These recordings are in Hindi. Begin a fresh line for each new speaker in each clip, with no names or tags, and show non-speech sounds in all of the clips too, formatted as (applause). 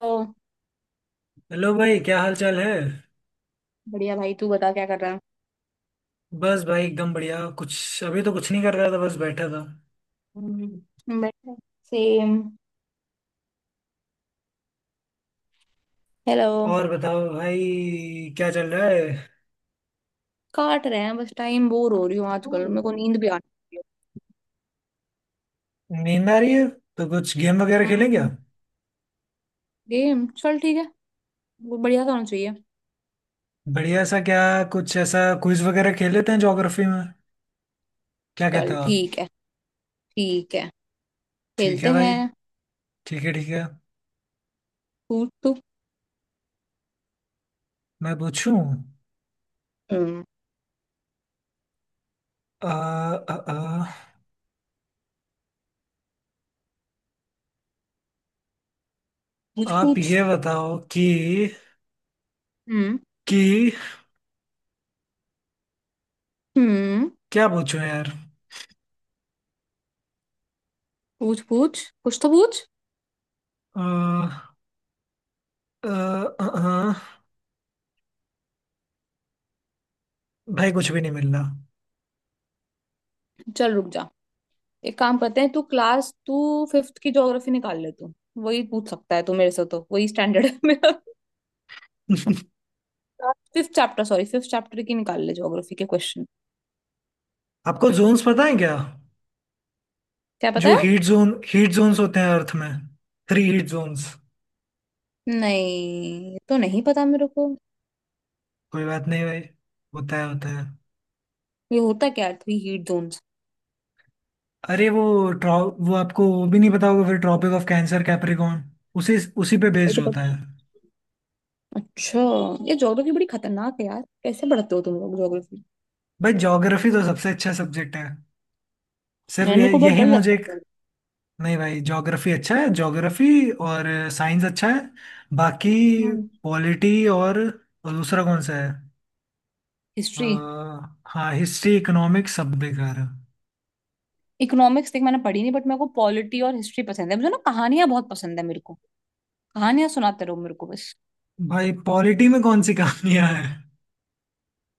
ओ,
हेलो भाई, क्या हाल चाल है।
बढ़िया भाई। तू बता क्या कर रहा
बस भाई, एकदम बढ़िया। कुछ अभी तो कुछ नहीं कर रहा था, बस बैठा था। हम्म।
है। बैठे। सेम। हेलो।
और बताओ भाई, क्या चल रहा है।
काट रहे हैं बस टाइम। बोर हो रही हूँ आजकल। मेरे को नींद भी आने लगी
नींद आ रही है तो कुछ गेम वगैरह
है।
खेलें क्या।
हम्म। गेम चल ठीक है। वो बढ़िया सा होना चाहिए।
बढ़िया सा क्या? कुछ ऐसा क्विज वगैरह खेल लेते हैं ज्योग्राफी में, क्या कहते
चल
हो आप।
ठीक है। ठीक है,
ठीक
खेलते
है भाई,
हैं।
ठीक है ठीक है।
पूछ तू।
मैं पूछूं?
हम्म।
आ, आ, आ,
पूछ
आप
पूछ।
ये बताओ कि
हम्म।
कि
हम्म।
क्या पूछूं यार।
पूछ पूछ, कुछ तो पूछ।
आ, आ, आ, आ, भाई कुछ भी नहीं मिल रहा।
चल रुक जा, एक काम करते हैं। तू फिफ्थ की ज्योग्राफी निकाल ले तू। वही पूछ सकता है तू मेरे से, तो वही स्टैंडर्ड है मेरा।
(laughs)
फिफ्थ चैप्टर की निकाल ले ज्योग्राफी के क्वेश्चन।
आपको जोन्स पता है क्या?
क्या पता
जो
है।
हीट जोन, हीट जोन्स होते हैं अर्थ में, थ्री हीट जोन्स।
नहीं, ये तो नहीं पता मेरे को।
कोई बात नहीं भाई, होता है होता है।
ये होता क्या है थ्री हीट जोन्स।
अरे वो, ट्रॉ वो, आपको वो भी नहीं पता होगा फिर। ट्रॉपिक ऑफ कैंसर कैप्रिकॉर्न, उसी उसी पे
तो
बेस्ड होता
पता।
है।
अच्छा। ये ज्योग्राफी बड़ी खतरनाक है यार, कैसे पढ़ते हो तुम लोग ज्योग्राफी।
भाई ज्योग्राफी तो सबसे अच्छा सब्जेक्ट है। सिर्फ
मैंने मेरे
ये,
को बहुत
यही
डर
मुझे
लगता है
एक।
geography।
नहीं भाई, ज्योग्राफी अच्छा है ज्योग्राफी, और साइंस अच्छा है। बाकी
हम्म।
पॉलिटी और दूसरा कौन सा है। अ,
हिस्ट्री।
हाँ, हिस्ट्री, इकोनॉमिक्स सब बेकार है।
इकोनॉमिक्स देख मैंने पढ़ी नहीं, बट मेरे को पॉलिटी और हिस्ट्री पसंद है। मुझे ना कहानियां बहुत पसंद है मेरे को। कहानियां सुनाते रहो मेरे को बस।
भाई पॉलिटी में कौन सी कहानियां हैं।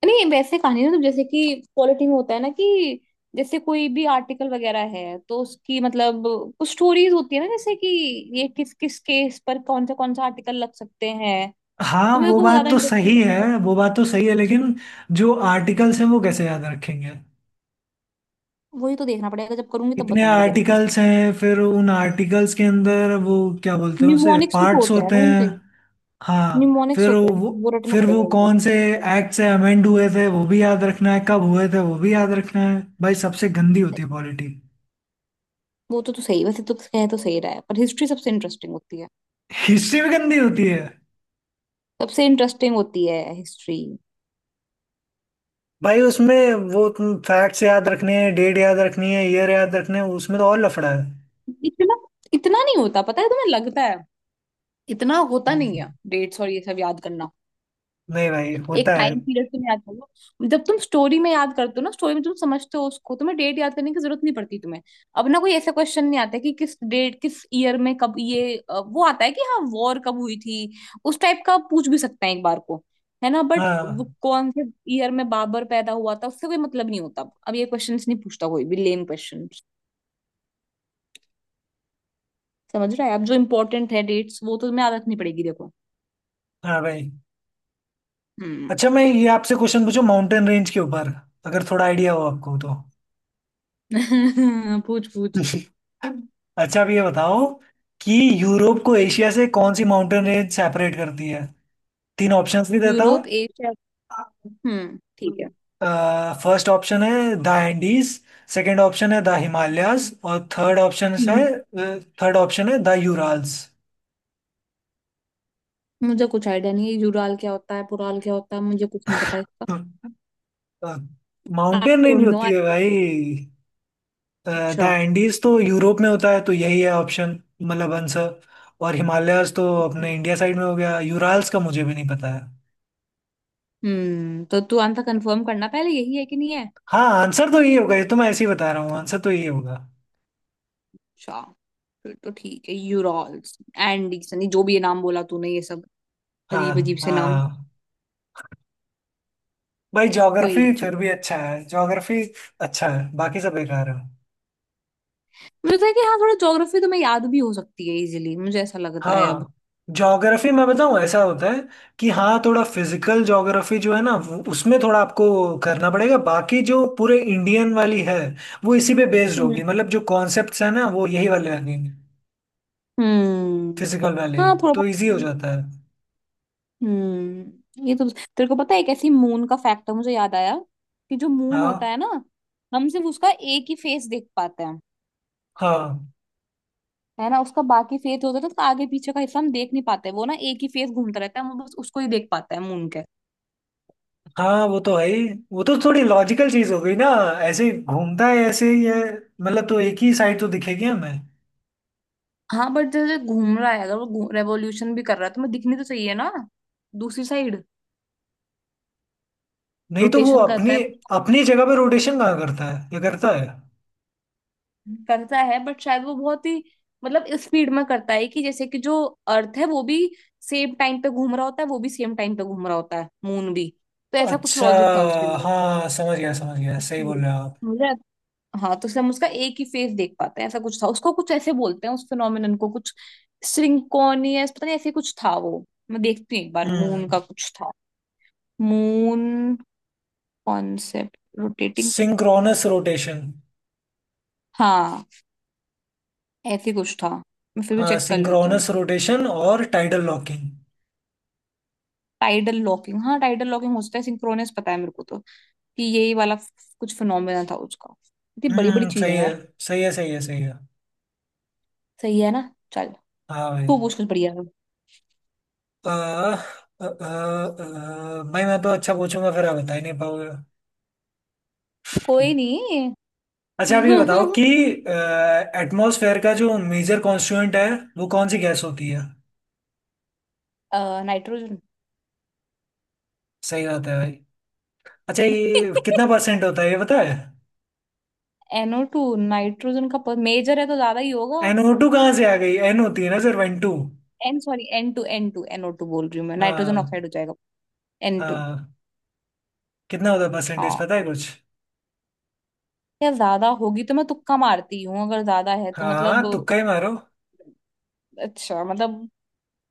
नहीं, वैसे कहानी ना, तो जैसे कि पॉलिटी में होता है ना कि, जैसे कोई भी आर्टिकल वगैरह है तो उसकी मतलब कुछ स्टोरीज होती है ना, जैसे कि ये किस किस केस पर कौन सा आर्टिकल लग सकते हैं।
हाँ
तो मेरे
वो
को वो
बात
ज्यादा
तो
इंटरेस्टिंग
सही है
लगता है।
वो बात तो सही है, लेकिन जो आर्टिकल्स हैं वो कैसे याद रखेंगे।
वही तो देखना पड़ेगा, जब करूंगी तब
इतने
बताऊंगी तेरे को।
आर्टिकल्स हैं, फिर उन आर्टिकल्स के अंदर वो क्या बोलते हैं उसे,
न्यूमोनिक्स भी तो
पार्ट्स
होता है
होते
ना
हैं।
उनके।
हाँ,
न्यूमोनिक्स
फिर
होते हैं
वो,
ना, वो रटना पड़ेगा एक दिन।
कौन से एक्ट से अमेंड हुए थे वो भी याद रखना है, कब हुए थे वो भी याद रखना है। भाई सबसे गंदी होती है पॉलिटी।
वो तो सही, वैसे तो कह तो सही रहा है, पर हिस्ट्री सबसे इंटरेस्टिंग होती है।
हिस्ट्री भी गंदी होती है।
सबसे इंटरेस्टिंग होती है हिस्ट्री।
भाई उसमें वो, तुम फैक्ट्स याद रखने हैं, डेट याद रखनी है, ईयर याद रखने हैं, उसमें तो और लफड़ा है।
इतना इतना नहीं होता, पता है तुम्हें, लगता है इतना होता नहीं है
हम्म,
डेट्स और ये सब याद करना।
नहीं भाई,
एक
होता है।
टाइम पीरियड तुम याद कर लो, जब तुम स्टोरी में याद करते हो ना, स्टोरी में तुम समझते हो उसको, तुम्हें डेट याद करने की जरूरत नहीं पड़ती तुम्हें। अब ना कोई ऐसा क्वेश्चन नहीं आता कि किस डेट किस ईयर में कब ये वो आता है कि हाँ वॉर कब हुई थी, उस टाइप का पूछ भी सकते हैं एक बार को, है ना। बट
हाँ।
कौन से ईयर में बाबर पैदा हुआ था उससे कोई मतलब नहीं होता। अब ये क्वेश्चंस नहीं पूछता कोई भी लेम क्वेश्चन। समझ रहा है। अब जो इम्पोर्टेंट है डेट्स वो तो तुम्हें याद रखनी पड़ेगी देखो।
हाँ भाई।
हम्म।
अच्छा मैं ये आपसे क्वेश्चन पूछूं माउंटेन रेंज के ऊपर, अगर थोड़ा आइडिया हो आपको तो।
(laughs) पूछ पूछ।
(laughs) अच्छा अब ये बताओ कि यूरोप को एशिया से कौन सी माउंटेन रेंज सेपरेट करती है। तीन ऑप्शंस भी देता हूँ।
यूरोप एशिया, ठीक है।
फर्स्ट ऑप्शन है द एंडीज, सेकंड ऑप्शन है द हिमालयाज, और थर्ड ऑप्शन है,
हम्म।
थर्ड ऑप्शन है द यूराल्स।
मुझे कुछ आइडिया नहीं है, यूराल क्या होता है पुराल क्या होता है, मुझे कुछ नहीं पता इसका। I
mountain range
don't know.
होती है भाई। द
अच्छा।
एंडीज तो यूरोप में होता है, तो यही है ऑप्शन, मतलब आंसर। और हिमालयाज तो अपने इंडिया साइड में हो गया, यूराल्स का मुझे भी नहीं पता है।
हम्म, तो तू आंसर कंफर्म करना पहले, यही है कि नहीं है।
हाँ आंसर तो यही होगा, ये तो मैं ऐसे ही बता रहा हूँ, आंसर तो यही होगा।
अच्छा, फिर तो ठीक है। यूरॉल्स एंडीज नहीं, जो भी ये नाम बोला तूने ये सब,
हाँ।
अजीब अजीब से नाम।
हाँ भाई,
कोई
ज्योग्राफी
नहीं,
फिर
चलो।
भी अच्छा है ज्योग्राफी। अच्छा है, बाकी सब बेकार है।
मुझे लगता है कि हाँ थोड़ा ज्योग्राफी तो मैं याद भी हो सकती है इजीली, मुझे ऐसा लगता है अब।
हाँ। ज्योग्राफी मैं बताऊँ ऐसा होता है कि हाँ, थोड़ा फिजिकल ज्योग्राफी जो है ना उसमें थोड़ा आपको करना पड़ेगा, बाकी जो पूरे इंडियन वाली है वो इसी पे बेस्ड
हम्म।
होगी, मतलब जो कॉन्सेप्ट्स है ना वो यही वाले लगेंगे,
हम्म।
फिजिकल वाले ही।
हाँ थोड़ा
तो
बहुत।
इजी हो जाता है।
हम्म, ये तो तेरे को पता है, एक ऐसी मून का फैक्ट है मुझे याद आया, कि जो मून होता
हाँ।
है ना, हम सिर्फ उसका एक ही फेस देख पाते हैं,
हाँ।
है ना। उसका बाकी फेस होता है, तो उसका आगे पीछे का हिस्सा हम देख नहीं पाते। वो ना एक ही फेस घूमता रहता है, हम बस उसको ही देख पाते हैं मून के।
हाँ वो तो है ही, वो तो थोड़ी लॉजिकल चीज हो गई ना। ऐसे ही घूमता है, ऐसे ही है, मतलब तो एक ही साइड तो दिखेगी हमें।
हाँ बट जैसे घूम रहा है, अगर वो रेवोल्यूशन भी कर रहा है, तो मैं दिखनी तो चाहिए ना दूसरी साइड।
नहीं तो वो
रोटेशन करता
अपनी,
है।
अपनी जगह पे रोटेशन कहाँ करता है, ये करता है।
करता है, बट शायद वो बहुत ही मतलब स्पीड में करता है, कि जैसे कि जो अर्थ है वो भी सेम टाइम पे घूम रहा होता है, वो भी सेम टाइम पे घूम रहा होता है मून भी। तो ऐसा कुछ
अच्छा,
लॉजिक था उसके अंदर।
हाँ समझ गया समझ गया, सही बोल
Speed.
रहे हो आप।
मुझे। हाँ, तो इसलिए हम उसका एक ही फेस देख पाते हैं। ऐसा कुछ था, उसको कुछ ऐसे बोलते हैं उस फिनोमिनन को कुछ, सिंक्रोनियस पता नहीं, ऐसे कुछ था वो। मैं देखती हूँ एक बार, मून
हम्म
का कुछ था। Moon concept rotating.
Synchronous rotation.
हाँ, ऐसे कुछ था। मैं फिर भी
हाँ,
चेक कर लेती हूँ।
सिंक्रोनस रोटेशन और टाइडल लॉकिंग।
टाइडल लॉकिंग, हाँ टाइडल लॉकिंग हो सकता है। सिंक्रोनस पता है मेरे को तो, कि यही वाला कुछ फिनोमेना था उसका। इतनी बड़ी बड़ी चीज है
सही है
यार।
सही है सही है सही है।
सही है ना। चल,
हाँ भाई।
तू पूछ कुछ बढ़िया सा।
आ, आ, आ, आ, भाई मैं तो अच्छा पूछूंगा, फिर आप बता ही नहीं पाओगे।
कोई नहीं।
अच्छा आप ये बताओ कि
(laughs)
एटमॉस्फेयर का जो मेजर कॉन्स्टिट्यूएंट है वो कौन सी गैस होती है।
नाइट्रोजन।
सही बात है भाई। अच्छा ये कितना
(laughs)
परसेंट होता है ये पता है।
एनओ टू नाइट्रोजन (laughs) का मेजर है तो ज्यादा ही होगा।
एनओ टू कहाँ से आ गई, एन होती है ना, सिर्फ N two.
N two N two, NO two बोल रही हूँ मैं, नाइट्रोजन
हाँ।
ऑक्साइड हो जाएगा। N to.
हाँ, कितना होता है परसेंटेज,
हाँ।
पता है कुछ।
यार ज्यादा होगी तो, मैं तुक्का मारती हूँ, अगर ज्यादा है तो मतलब।
हाँ तुक्का ही मारो।
अच्छा मतलब,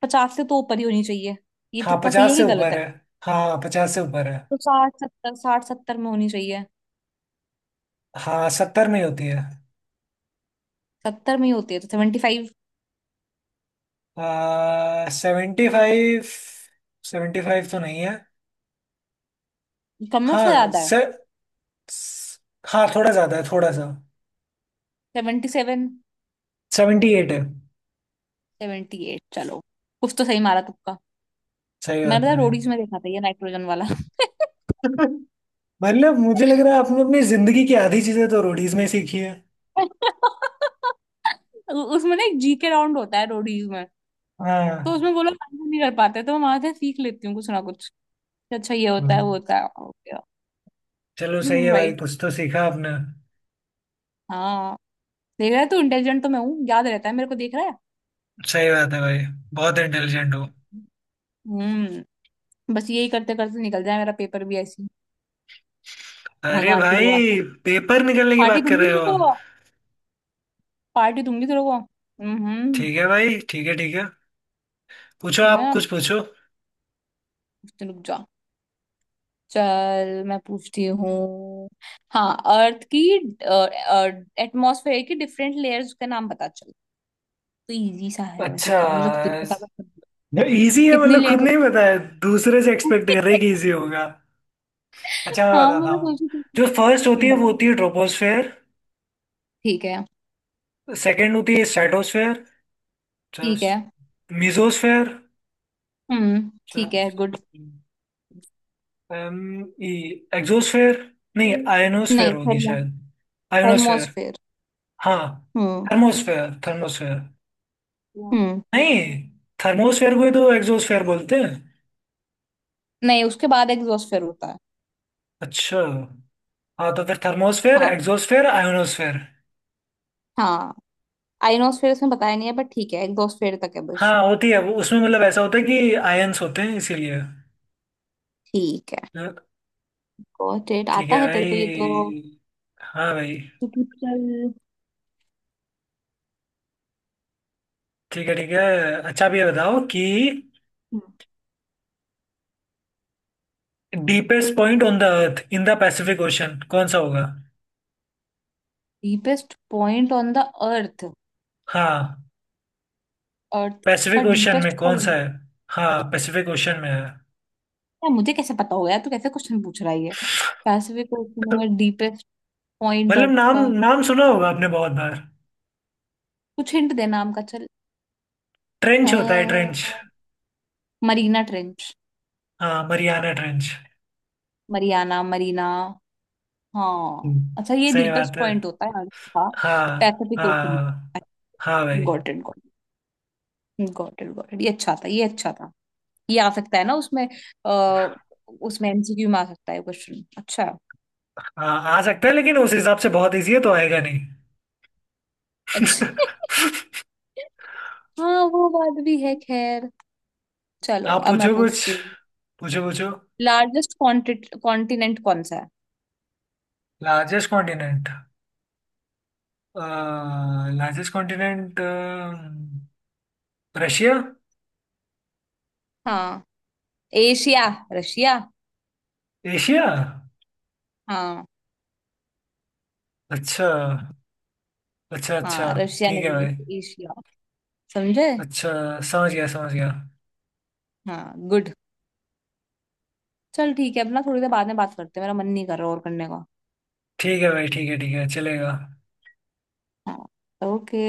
पचास से तो ऊपर ही होनी चाहिए, ये
हाँ
तुक्का सही है
50 से
कि गलत
ऊपर
है।
है, हाँ 50 से ऊपर है।
तो साठ सत्तर में होनी चाहिए।
हाँ 70 में ही होती है।
सत्तर में ही होती है तो 75।
75, 75 तो नहीं है।
कम में से
हाँ
ज्यादा है।
से, स- हाँ थोड़ा ज्यादा है थोड़ा सा।
77।
78 है।
78, चलो, कुछ तो सही मारा तुक्का।
सही
मैंने
बात
पता
है।
रोडीज में देखा था ये नाइट्रोजन वाला।
(laughs) मतलब मुझे लग रहा है आपने अपनी जिंदगी की आधी चीजें तो रोडीज में सीखी है।
(laughs) उसमें ना एक जीके राउंड होता है रोडीज में, तो
हाँ।
उसमें वो लोग आंसर नहीं कर पाते तो मैं वहां से सीख लेती हूँ कुछ ना कुछ, कि अच्छा ये होता है वो
हम्म,
होता है। ओके।
चलो सही है भाई,
राइट।
कुछ तो सीखा आपने।
हाँ, देख रहा है तू, इंटेलिजेंट तो मैं हूँ, याद रहता है मेरे को, देख रहा है।
सही बात है भाई, बहुत इंटेलिजेंट हो।
हम्म। बस यही करते करते निकल जाए मेरा पेपर भी ऐसे ही,
अरे
भगवान की दुआ से।
भाई पेपर निकलने की
पार्टी
बात कर
दूंगी
रहे हो
तेरे को।
आप।
पार्टी दूंगी तेरे को, हम्म।
ठीक है भाई, ठीक है ठीक है, पूछो
ठीक है
आप
ना,
कुछ पूछो।
तो रुक जा, चल मैं पूछती हूँ। हाँ, अर्थ की एटमॉस्फेयर की डिफरेंट लेयर्स का नाम बता चल। तो इजी सा है, वैसे
अच्छा।
तो मुझे खुद नहीं पता था
इजी है
कितनी
मतलब खुद
लेयर
नहीं पता है, दूसरे से एक्सपेक्ट
होती
कर रहे
है।
हैं कि इजी होगा।
(laughs)
अच्छा मैं
हाँ
बताता
मैं
हूँ।
सोची थी।
जो फर्स्ट होती है वो
बता,
होती है ट्रोपोस्फेयर,
ठीक है।
सेकंड होती है स्ट्रेटोस्फेयर,
ठीक है।
मिजोस्फेयर,
ठीक है गुड।
एक्सोस्फेयर, नहीं आयोनोस्फेयर
नहीं,
होगी
थर्मो,
शायद। आयोनोस्फेयर।
थर्मोस्फेयर।
हाँ।
हम्म।
Thermosphere thermosphere.
हम्म।
नहीं, थर्मोस्फेयर को ही तो एग्जोस्फेयर बोलते हैं।
नहीं, उसके बाद एग्जॉस्फेयर होता है।
अच्छा। हाँ, तो फिर थर्मोस्फेयर
हाँ।
Exosphere ionosphere.
हाँ। आइनोस्फेयर उसमें बताया नहीं है, बट ठीक है एग्जोस्फेयर तक है बस।
हाँ, होती है वो उसमें, मतलब ऐसा होता है कि आयन्स होते हैं इसीलिए
ठीक है।
तो।
गॉट इट,
ठीक
आता
है
है तेरे को ये तो।
भाई। हाँ भाई।
टिपिकल।
ठीक है ठीक है। अच्छा अब ये बताओ कि deepest point on the earth in the Pacific Ocean कौन सा होगा।
Deepest point on the earth,
हाँ,
अर्थ का
पैसिफिक ओशन
डीपेस्ट
में कौन सा
पॉइंट,
है। हाँ, पैसिफिक ओशन में है,
यार मुझे कैसे पता होगा, यार तू कैसे क्वेश्चन पूछ रहा है ये। पैसिफिक ओशन में डीपेस्ट पॉइंट
मतलब
अर्थ
नाम,
का।
नाम सुना होगा आपने बहुत बार।
कुछ हिंट दे नाम का चल।
ट्रेंच होता है ट्रेंच।
Marina trench.
हाँ, मरियाना ट्रेंच।
मरियाना मरीना, हाँ।
हम्म,
अच्छा, ये
सही
डीपेस्ट
बात है।
पॉइंट होता है अर्थ का,
हाँ
पैसिफिक ओशन।
हाँ। हाँ भाई।
Got it got it got it got it, ये अच्छा था, ये अच्छा था। ये आ सकता है ना उसमें, आ, उसमें एमसीक्यू में आ सकता है क्वेश्चन। अच्छा,
हाँ आ सकता है लेकिन उस हिसाब से बहुत इजी है तो आएगा नहीं।
अच्छा।
(laughs)
(laughs) हाँ, वो बात भी है खैर। चलो,
आप
अब मैं
पूछो कुछ,
पूछती हूँ।
पूछो पूछो।
लार्जेस्ट कॉन्टिनेंट कौन सा है।
Largest continent, largest continent, Russia.
हाँ, एशिया। रशिया।
एशिया।
हाँ।
अच्छा अच्छा अच्छा।
हाँ रशिया
ठीक है
नहीं
भाई।
है, एशिया। समझे।
अच्छा, समझ गया समझ गया।
हाँ गुड। चल ठीक है, अपना थोड़ी देर बाद में बात करते हैं, मेरा मन नहीं कर रहा और करने का।
ठीक है भाई, ठीक है ठीक है, चलेगा।
हाँ। ओके।